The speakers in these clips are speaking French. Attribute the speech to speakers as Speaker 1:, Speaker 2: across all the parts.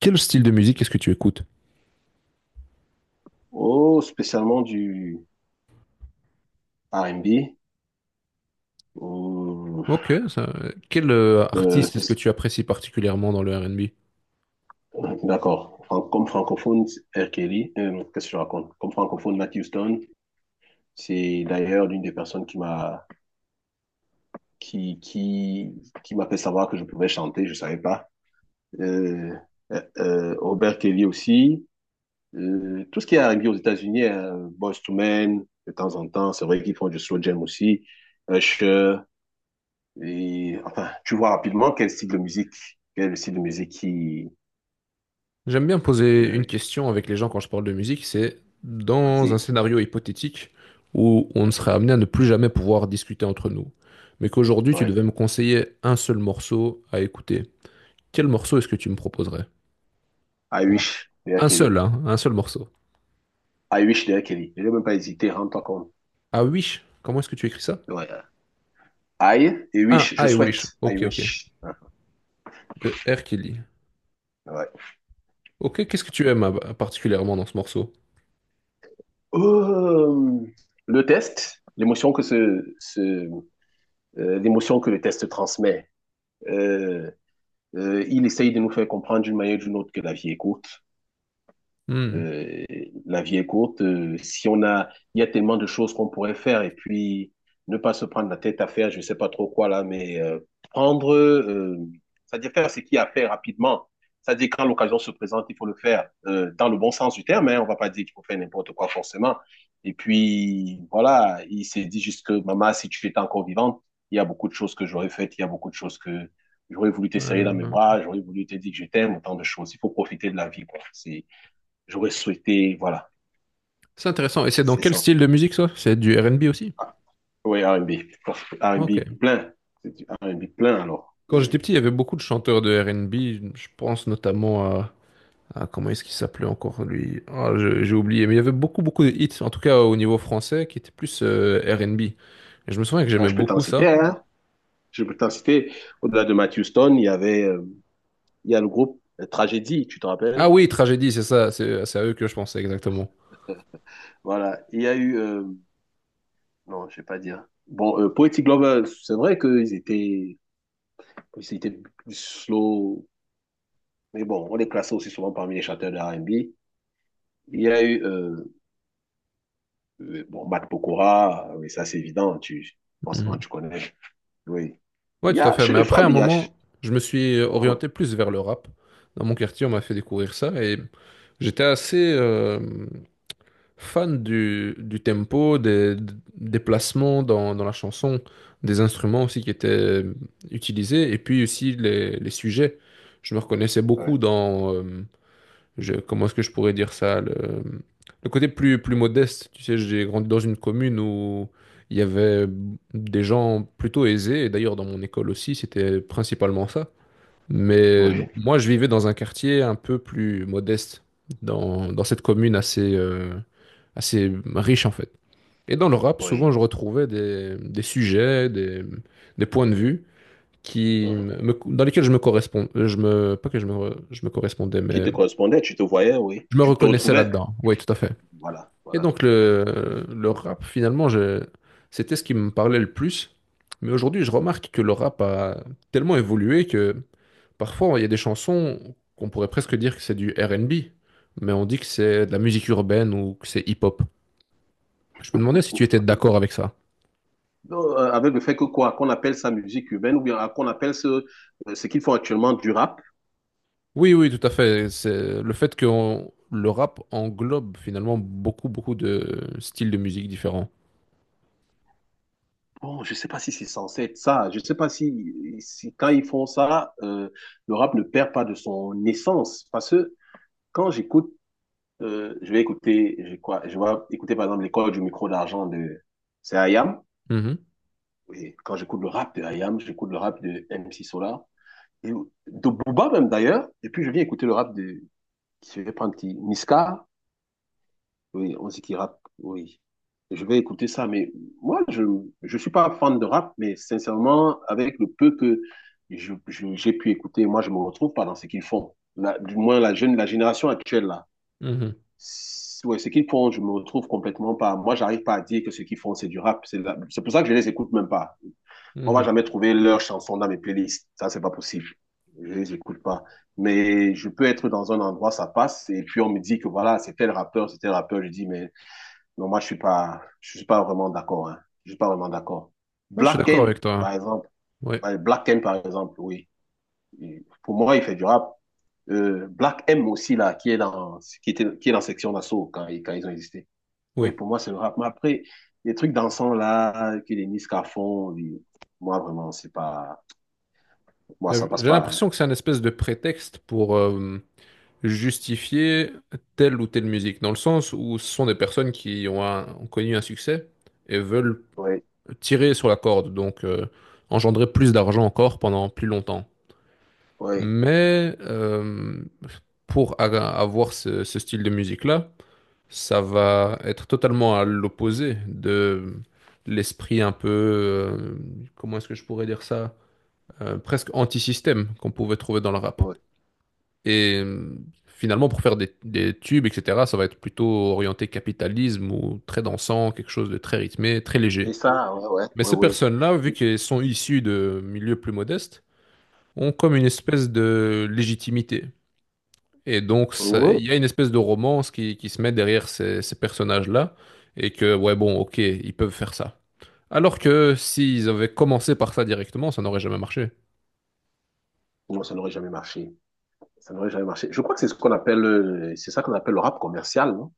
Speaker 1: Quel style de musique est-ce que tu écoutes?
Speaker 2: Oh, spécialement du R&B ou
Speaker 1: Ok, ça- Quel
Speaker 2: euh,
Speaker 1: artiste est-ce que
Speaker 2: spéc-
Speaker 1: tu apprécies particulièrement dans le R&B?
Speaker 2: d'accord. Comme francophone, R. Kelly. Qu'est-ce que je raconte? Comme francophone, Matt Houston. C'est d'ailleurs l'une des personnes qui qui qui m'a fait savoir que je pouvais chanter. Je ne savais pas. Euh, Robert Kelly aussi. Tout ce qui est R&B aux États-Unis, Boyz II Men, de temps en temps, c'est vrai qu'ils font du slow jam aussi. Usher. Et enfin, tu vois rapidement quel style de musique, quel est le style de musique qui...
Speaker 1: J'aime bien poser une
Speaker 2: Euh,
Speaker 1: question avec les gens quand je parle de musique, c'est dans un
Speaker 2: c'est-
Speaker 1: scénario hypothétique où on serait
Speaker 2: Mhm.
Speaker 1: amené à ne plus jamais pouvoir discuter entre nous, mais qu'aujourd'hui tu
Speaker 2: Ouais.
Speaker 1: devais me conseiller un seul morceau à écouter. Quel morceau est-ce que tu me proposerais?
Speaker 2: I
Speaker 1: Bon,
Speaker 2: wish derrière
Speaker 1: un seul,
Speaker 2: Kelly.
Speaker 1: hein, un seul morceau.
Speaker 2: I wish derrière Kelly. Je n'ai même pas hésité, rends-toi compte.
Speaker 1: Ah, Wish, comment est-ce que tu écris ça?
Speaker 2: Ouais. I et
Speaker 1: Ah,
Speaker 2: wish, je
Speaker 1: I Wish,
Speaker 2: souhaite. I
Speaker 1: ok, ok,
Speaker 2: wish. Hein.
Speaker 1: de R. Kelly.
Speaker 2: Ouais.
Speaker 1: Ok, qu'est-ce que tu aimes particulièrement dans ce morceau?
Speaker 2: Euh, le test, l'émotion que ce, L'émotion que le test transmet. Euh, il essaye de nous faire comprendre d'une manière ou d'une autre que la vie est courte.
Speaker 1: Hmm.
Speaker 2: Euh, la vie est courte. Si on a, Il y a tellement de choses qu'on pourrait faire et puis ne pas se prendre la tête à faire, je sais pas trop quoi là, mais prendre, euh, c'est-à-dire faire ce qu'il y a à faire rapidement. C'est-à-dire quand l'occasion se présente, il faut le faire dans le bon sens du terme. Hein, on va pas dire qu'il faut faire n'importe quoi forcément. Et puis voilà, il s'est dit juste que maman, si tu étais encore vivante, il y a beaucoup de choses que j'aurais faites, il y a beaucoup de choses que j'aurais voulu te serrer dans mes
Speaker 1: Euh,
Speaker 2: bras, j'aurais voulu te dire que je t'aime, autant de choses. Il faut profiter de la vie, quoi. C'est J'aurais souhaité, voilà.
Speaker 1: c'est intéressant. Et c'est dans
Speaker 2: C'est
Speaker 1: quel
Speaker 2: ça.
Speaker 1: style de musique ça? C'est du R&B aussi?
Speaker 2: Ah, oui, R&B.
Speaker 1: Ok.
Speaker 2: R&B plein. C'est du R&B plein, alors.
Speaker 1: Quand j'étais petit, il y avait beaucoup de chanteurs de R&B. Je pense notamment comment est-ce qu'il s'appelait encore lui? Ah, j'ai oublié. Mais il y avait beaucoup beaucoup de hits, en tout cas au niveau français, qui étaient plus R&B. Et je me souviens que
Speaker 2: Ah,
Speaker 1: j'aimais
Speaker 2: je peux t'en
Speaker 1: beaucoup
Speaker 2: citer,
Speaker 1: ça.
Speaker 2: hein. Je peux t'en citer. Au-delà de Matthew Stone, il y a le groupe Tragédie, tu te
Speaker 1: Ah
Speaker 2: rappelles?
Speaker 1: oui, Tragédie, c'est ça. C'est à eux que je pensais exactement.
Speaker 2: Voilà. Il y a eu, non, je vais pas dire. Bon, Poetic Lovers, c'est vrai qu'ils étaient plus slow, mais bon, on les classait aussi souvent parmi les chanteurs de R&B. Il y a eu, bon, Matt Pokora, oui, ça c'est évident, forcément
Speaker 1: Mhm.
Speaker 2: tu connais. Oui. Il
Speaker 1: Ouais,
Speaker 2: y
Speaker 1: tout à
Speaker 2: a,
Speaker 1: fait.
Speaker 2: chez
Speaker 1: Mais
Speaker 2: les
Speaker 1: après, à
Speaker 2: femmes,
Speaker 1: un
Speaker 2: il y a...
Speaker 1: moment, je me suis
Speaker 2: Mhm.
Speaker 1: orienté plus vers le rap. Dans mon quartier, on m'a fait découvrir ça et j'étais assez. Fan du tempo, des placements dans la chanson, des instruments aussi qui étaient utilisés, et puis aussi les sujets. Je me reconnaissais beaucoup
Speaker 2: Ouais.
Speaker 1: dans, comment est-ce que je pourrais dire ça, le côté plus modeste. Tu sais, j'ai grandi dans une commune où il y avait des gens plutôt aisés, et d'ailleurs dans mon école aussi, c'était principalement ça. Mais
Speaker 2: Oui,
Speaker 1: moi, je vivais dans un quartier un peu plus modeste, dans cette commune assez riche en fait. Et dans le rap, souvent,
Speaker 2: oui.
Speaker 1: je retrouvais des sujets, des points de vue qui
Speaker 2: Mhm.
Speaker 1: dans lesquels je me correspond, je me, pas que je me, re- je me correspondais,
Speaker 2: Qui
Speaker 1: mais
Speaker 2: te correspondait, tu te voyais, oui.
Speaker 1: je me
Speaker 2: Tu te
Speaker 1: reconnaissais
Speaker 2: retrouvais.
Speaker 1: là-dedans. Oui, tout à fait.
Speaker 2: Voilà,
Speaker 1: Et
Speaker 2: voilà.
Speaker 1: donc le rap, finalement, c'était ce qui me parlait le plus. Mais aujourd'hui, je remarque que le rap a tellement évolué que parfois, il y a des chansons qu'on pourrait presque dire que c'est du R&B, mais on dit que c'est de la musique urbaine ou que c'est hip-hop. Je me demandais si tu étais d'accord avec ça.
Speaker 2: Donc, avec le fait que quoi, qu'on appelle ça musique urbaine ou bien qu'on appelle ce qu'ils font actuellement du rap.
Speaker 1: Oui, oui, tout à fait. C'est le fait que le rap englobe finalement beaucoup, beaucoup de styles de musique différents.
Speaker 2: Bon, je sais pas si c'est censé être ça. Je sais pas si quand ils font ça, le rap ne perd pas de son essence. Parce que quand j'écoute, je vais écouter, quoi, je vais écouter par exemple l'école du micro d'argent de, c'est Ayam.
Speaker 1: Mhm,
Speaker 2: Oui, quand j'écoute le rap de IAM, j'écoute le rap de MC Solar, et de Booba même d'ailleurs, et puis je viens écouter le rap de, je vais prendre qui, Niska, oui, on dit qu'il rappe, oui. Je vais écouter ça, mais moi, je ne suis pas fan de rap, mais sincèrement, avec le peu que j'ai pu écouter, moi, je ne me retrouve pas dans ce qu'ils font. Du moins, la génération actuelle, là.
Speaker 1: mhm,
Speaker 2: Ouais, ce qu'ils font, je ne me retrouve complètement pas. Moi, j'arrive pas à dire que ce qu'ils font, c'est du rap. C'est pour ça que je ne les écoute même pas. On va
Speaker 1: mhm.
Speaker 2: jamais trouver leurs chansons dans mes playlists. Ça, c'est pas possible. Je les écoute pas. Mais je peux être dans un endroit, ça passe, et puis on me dit que voilà, c'est tel rappeur, c'est tel rappeur. Je dis, mais non, moi, je suis pas vraiment d'accord, hein. Je suis pas vraiment d'accord.
Speaker 1: Ouais, je suis
Speaker 2: Black
Speaker 1: d'accord
Speaker 2: M
Speaker 1: avec toi.
Speaker 2: par exemple.
Speaker 1: Oui,
Speaker 2: Ouais, Black M, par exemple, oui. Pour moi, il fait du rap. Black M aussi, là, qui est dans section d'assaut quand ils ont existé. Oui,
Speaker 1: oui.
Speaker 2: pour moi, c'est le rap. Mais après, les trucs dansants, là, que les Nice font, oui, moi, vraiment, c'est pas, moi,
Speaker 1: Mais
Speaker 2: ça passe
Speaker 1: j'ai
Speaker 2: pas, hein.
Speaker 1: l'impression que c'est un espèce de prétexte pour justifier telle ou telle musique, dans le sens où ce sont des personnes qui ont connu un succès et veulent
Speaker 2: Oui,
Speaker 1: tirer sur la corde, donc engendrer plus d'argent encore pendant plus longtemps.
Speaker 2: oui,
Speaker 1: Mais pour avoir ce style de musique-là, ça va être totalement à l'opposé de l'esprit un peu, comment est-ce que je pourrais dire ça, presque anti-système qu'on pouvait trouver dans le rap.
Speaker 2: oui.
Speaker 1: Et finalement, pour faire des tubes, etc., ça va être plutôt orienté capitalisme ou très dansant, quelque chose de très rythmé, très
Speaker 2: Et
Speaker 1: léger.
Speaker 2: ça, ouais, ouais,
Speaker 1: Mais
Speaker 2: ouais,
Speaker 1: ces
Speaker 2: ouais.
Speaker 1: personnes-là, vu qu'elles sont issues de milieux plus modestes, ont comme une espèce de légitimité. Et donc,
Speaker 2: Oui,
Speaker 1: il y a une espèce de romance qui se met derrière ces personnages-là, et que, ouais, bon, ok, ils peuvent faire ça. Alors que s'ils avaient commencé par ça directement, ça n'aurait jamais marché.
Speaker 2: non, ça n'aurait jamais marché. Ça n'aurait jamais marché. Je crois que c'est ça qu'on appelle le rap commercial, non?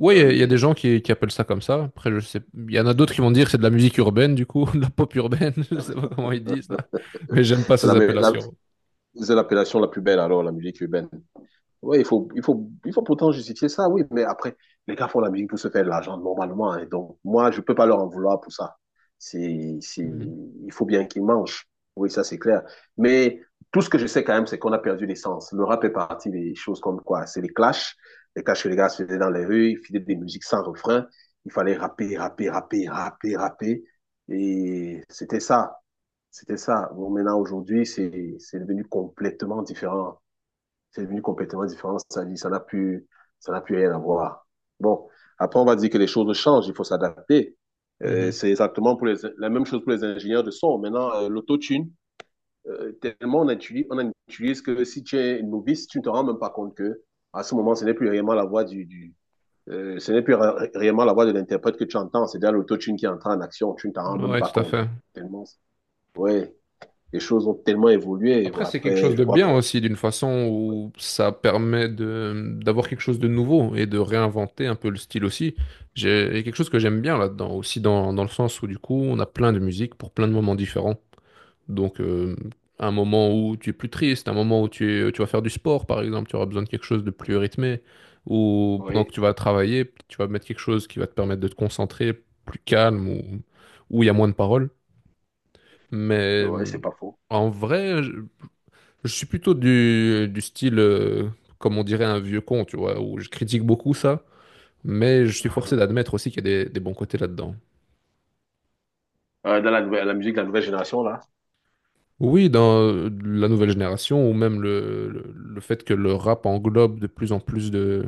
Speaker 1: Oui, il y a des
Speaker 2: Oui.
Speaker 1: gens qui appellent ça comme ça. Après, je sais, il y en a d'autres
Speaker 2: Oui.
Speaker 1: qui vont dire que c'est de la musique urbaine, du coup, de la pop urbaine, je sais pas comment ils disent là. Mais j'aime pas
Speaker 2: C'est
Speaker 1: ces
Speaker 2: la, me- la-
Speaker 1: appellations.
Speaker 2: c'est l'appellation la plus belle, alors, la musique urbaine. Ouais, il faut pourtant justifier ça, oui, mais après, les gars font la musique pour se faire de l'argent normalement, hein. Donc, moi, je peux pas leur en vouloir pour ça.
Speaker 1: Mhm,
Speaker 2: Il faut bien qu'ils mangent. Oui, ça, c'est clair. Mais tout ce que je sais quand même, c'est qu'on a perdu l'essence. Le rap est parti des choses comme quoi? C'est les clashs. Les clashs que les gars se faisaient dans les rues, ils faisaient des musiques sans refrain. Il fallait rapper, rapper, rapper, rapper, rapper. Et c'était ça. C'était ça. Bon, maintenant, aujourd'hui, c'est devenu complètement différent, c'est devenu complètement différent. Ça n'a plus rien à voir. Bon, après, on va dire que les choses changent, il faut s'adapter.
Speaker 1: mhm.
Speaker 2: C'est exactement la même chose pour les ingénieurs de son. Maintenant, l'autotune, tellement on utilise que si tu es novice, tu ne te rends même pas compte que à ce moment, ce n'est plus réellement la voix du ce n'est plus ré réellement la voix de l'interprète que tu entends. C'est déjà l'autotune qui entre en action. Tu ne t'en rends même
Speaker 1: Ouais,
Speaker 2: pas
Speaker 1: tout à
Speaker 2: compte.
Speaker 1: fait.
Speaker 2: Tellement, ouais, les choses ont tellement évolué.
Speaker 1: Après, c'est quelque
Speaker 2: Après,
Speaker 1: chose
Speaker 2: je
Speaker 1: de
Speaker 2: crois que
Speaker 1: bien aussi, d'une façon où ça permet de d'avoir quelque chose de nouveau et de réinventer un peu le style aussi. J'ai Il y a quelque chose que j'aime bien là-dedans, aussi dans le sens où du coup, on a plein de musique pour plein de moments différents. Donc, un moment où tu es plus triste, un moment où tu vas faire du sport, par exemple, tu auras besoin de quelque chose de plus rythmé, ou pendant que
Speaker 2: oui.
Speaker 1: tu vas travailler, tu vas mettre quelque chose qui va te permettre de te concentrer, plus calme, ou où il y a moins de paroles. Mais
Speaker 2: Oui, ouais, c'est pas faux.
Speaker 1: en vrai, je suis plutôt du style, comme on dirait, un vieux con, tu vois, où je critique beaucoup ça, mais je suis forcé d'admettre aussi qu'il y a des bons côtés là-dedans.
Speaker 2: La musique de la nouvelle génération, là.
Speaker 1: Oui, dans la nouvelle génération, ou même le fait que le rap englobe de plus en plus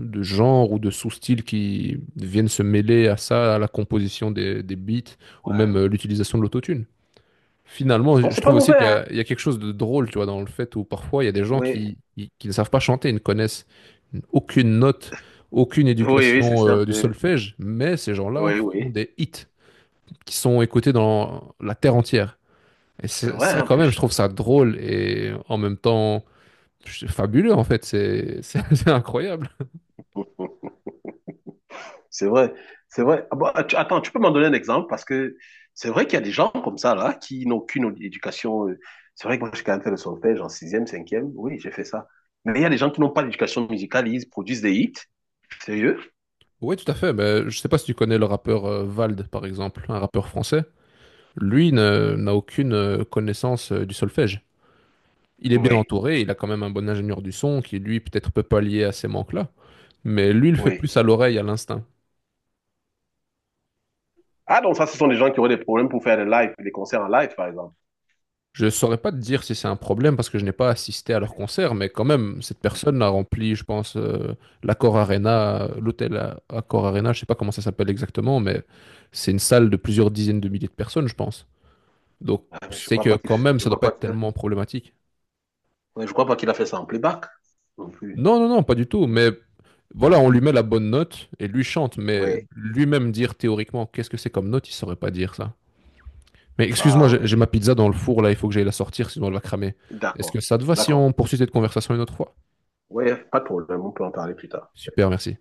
Speaker 1: de genres ou de sous-styles qui viennent se mêler à ça, à la composition des beats, ou
Speaker 2: Ouais,
Speaker 1: même
Speaker 2: ouais.
Speaker 1: l'utilisation de l'autotune. Finalement,
Speaker 2: Non,
Speaker 1: je
Speaker 2: c'est pas
Speaker 1: trouve aussi
Speaker 2: mauvais,
Speaker 1: qu'
Speaker 2: hein.
Speaker 1: il y a quelque chose de drôle, tu vois, dans le fait où parfois il y a des gens
Speaker 2: Oui.
Speaker 1: qui ne savent pas chanter, ils ne connaissent aucune note, aucune
Speaker 2: Oui, oui, c'est
Speaker 1: éducation
Speaker 2: certes
Speaker 1: du
Speaker 2: de...
Speaker 1: solfège, mais ces gens-là
Speaker 2: Oui,
Speaker 1: font
Speaker 2: oui.
Speaker 1: des hits qui sont écoutés dans la terre entière. Et
Speaker 2: C'est vrai,
Speaker 1: ça,
Speaker 2: en
Speaker 1: quand même, je
Speaker 2: plus.
Speaker 1: trouve ça drôle et en même temps fabuleux, en fait. C'est incroyable.
Speaker 2: C'est vrai, c'est vrai. Ah bon, attends, tu peux m'en donner un exemple parce que c'est vrai qu'il y a des gens comme ça là qui n'ont aucune éducation, c'est vrai que moi j'ai quand même fait le solfège en sixième, cinquième. Oui, j'ai fait ça. Mais il y a des gens qui n'ont pas d'éducation musicale, ils produisent des hits. Sérieux?
Speaker 1: Oui, tout à fait. Mais je sais pas si tu connais le rappeur Vald, par exemple, un rappeur français. Lui n'a aucune connaissance du solfège. Il est bien
Speaker 2: Oui,
Speaker 1: entouré, il a quand même un bon ingénieur du son qui, lui, peut-être peut pallier à ces manques-là. Mais lui, il le fait
Speaker 2: oui.
Speaker 1: plus à l'oreille, à l'instinct.
Speaker 2: Ah donc ça, ce sont des gens qui auraient des problèmes pour faire des lives, des concerts en live par exemple.
Speaker 1: Je saurais pas te dire si c'est un problème parce que je n'ai pas assisté à
Speaker 2: Oui,
Speaker 1: leur concert, mais quand même, cette
Speaker 2: oui.
Speaker 1: personne a rempli, je pense, l'Accor Arena, Accor Arena, je sais pas comment ça s'appelle exactement, mais c'est une salle de plusieurs dizaines de milliers de personnes, je pense. Donc,
Speaker 2: Ah, mais
Speaker 1: c'est que quand même, ça doit pas être tellement problématique.
Speaker 2: je crois pas qu'il a fait ça en playback non plus.
Speaker 1: Non, non, non, pas du tout, mais voilà, on lui met la bonne note et lui chante, mais
Speaker 2: Oui.
Speaker 1: lui-même dire théoriquement qu'est-ce que c'est comme note, il saurait pas dire ça. Mais excuse-moi,
Speaker 2: Ah
Speaker 1: j'ai
Speaker 2: ouais.
Speaker 1: ma pizza dans le four là, il faut que j'aille la sortir, sinon elle va cramer. Est-ce que
Speaker 2: D'accord,
Speaker 1: ça te va si
Speaker 2: d'accord.
Speaker 1: on poursuit cette conversation une autre fois?
Speaker 2: Oui, pas de problème, on peut en parler plus tard.
Speaker 1: Super, merci.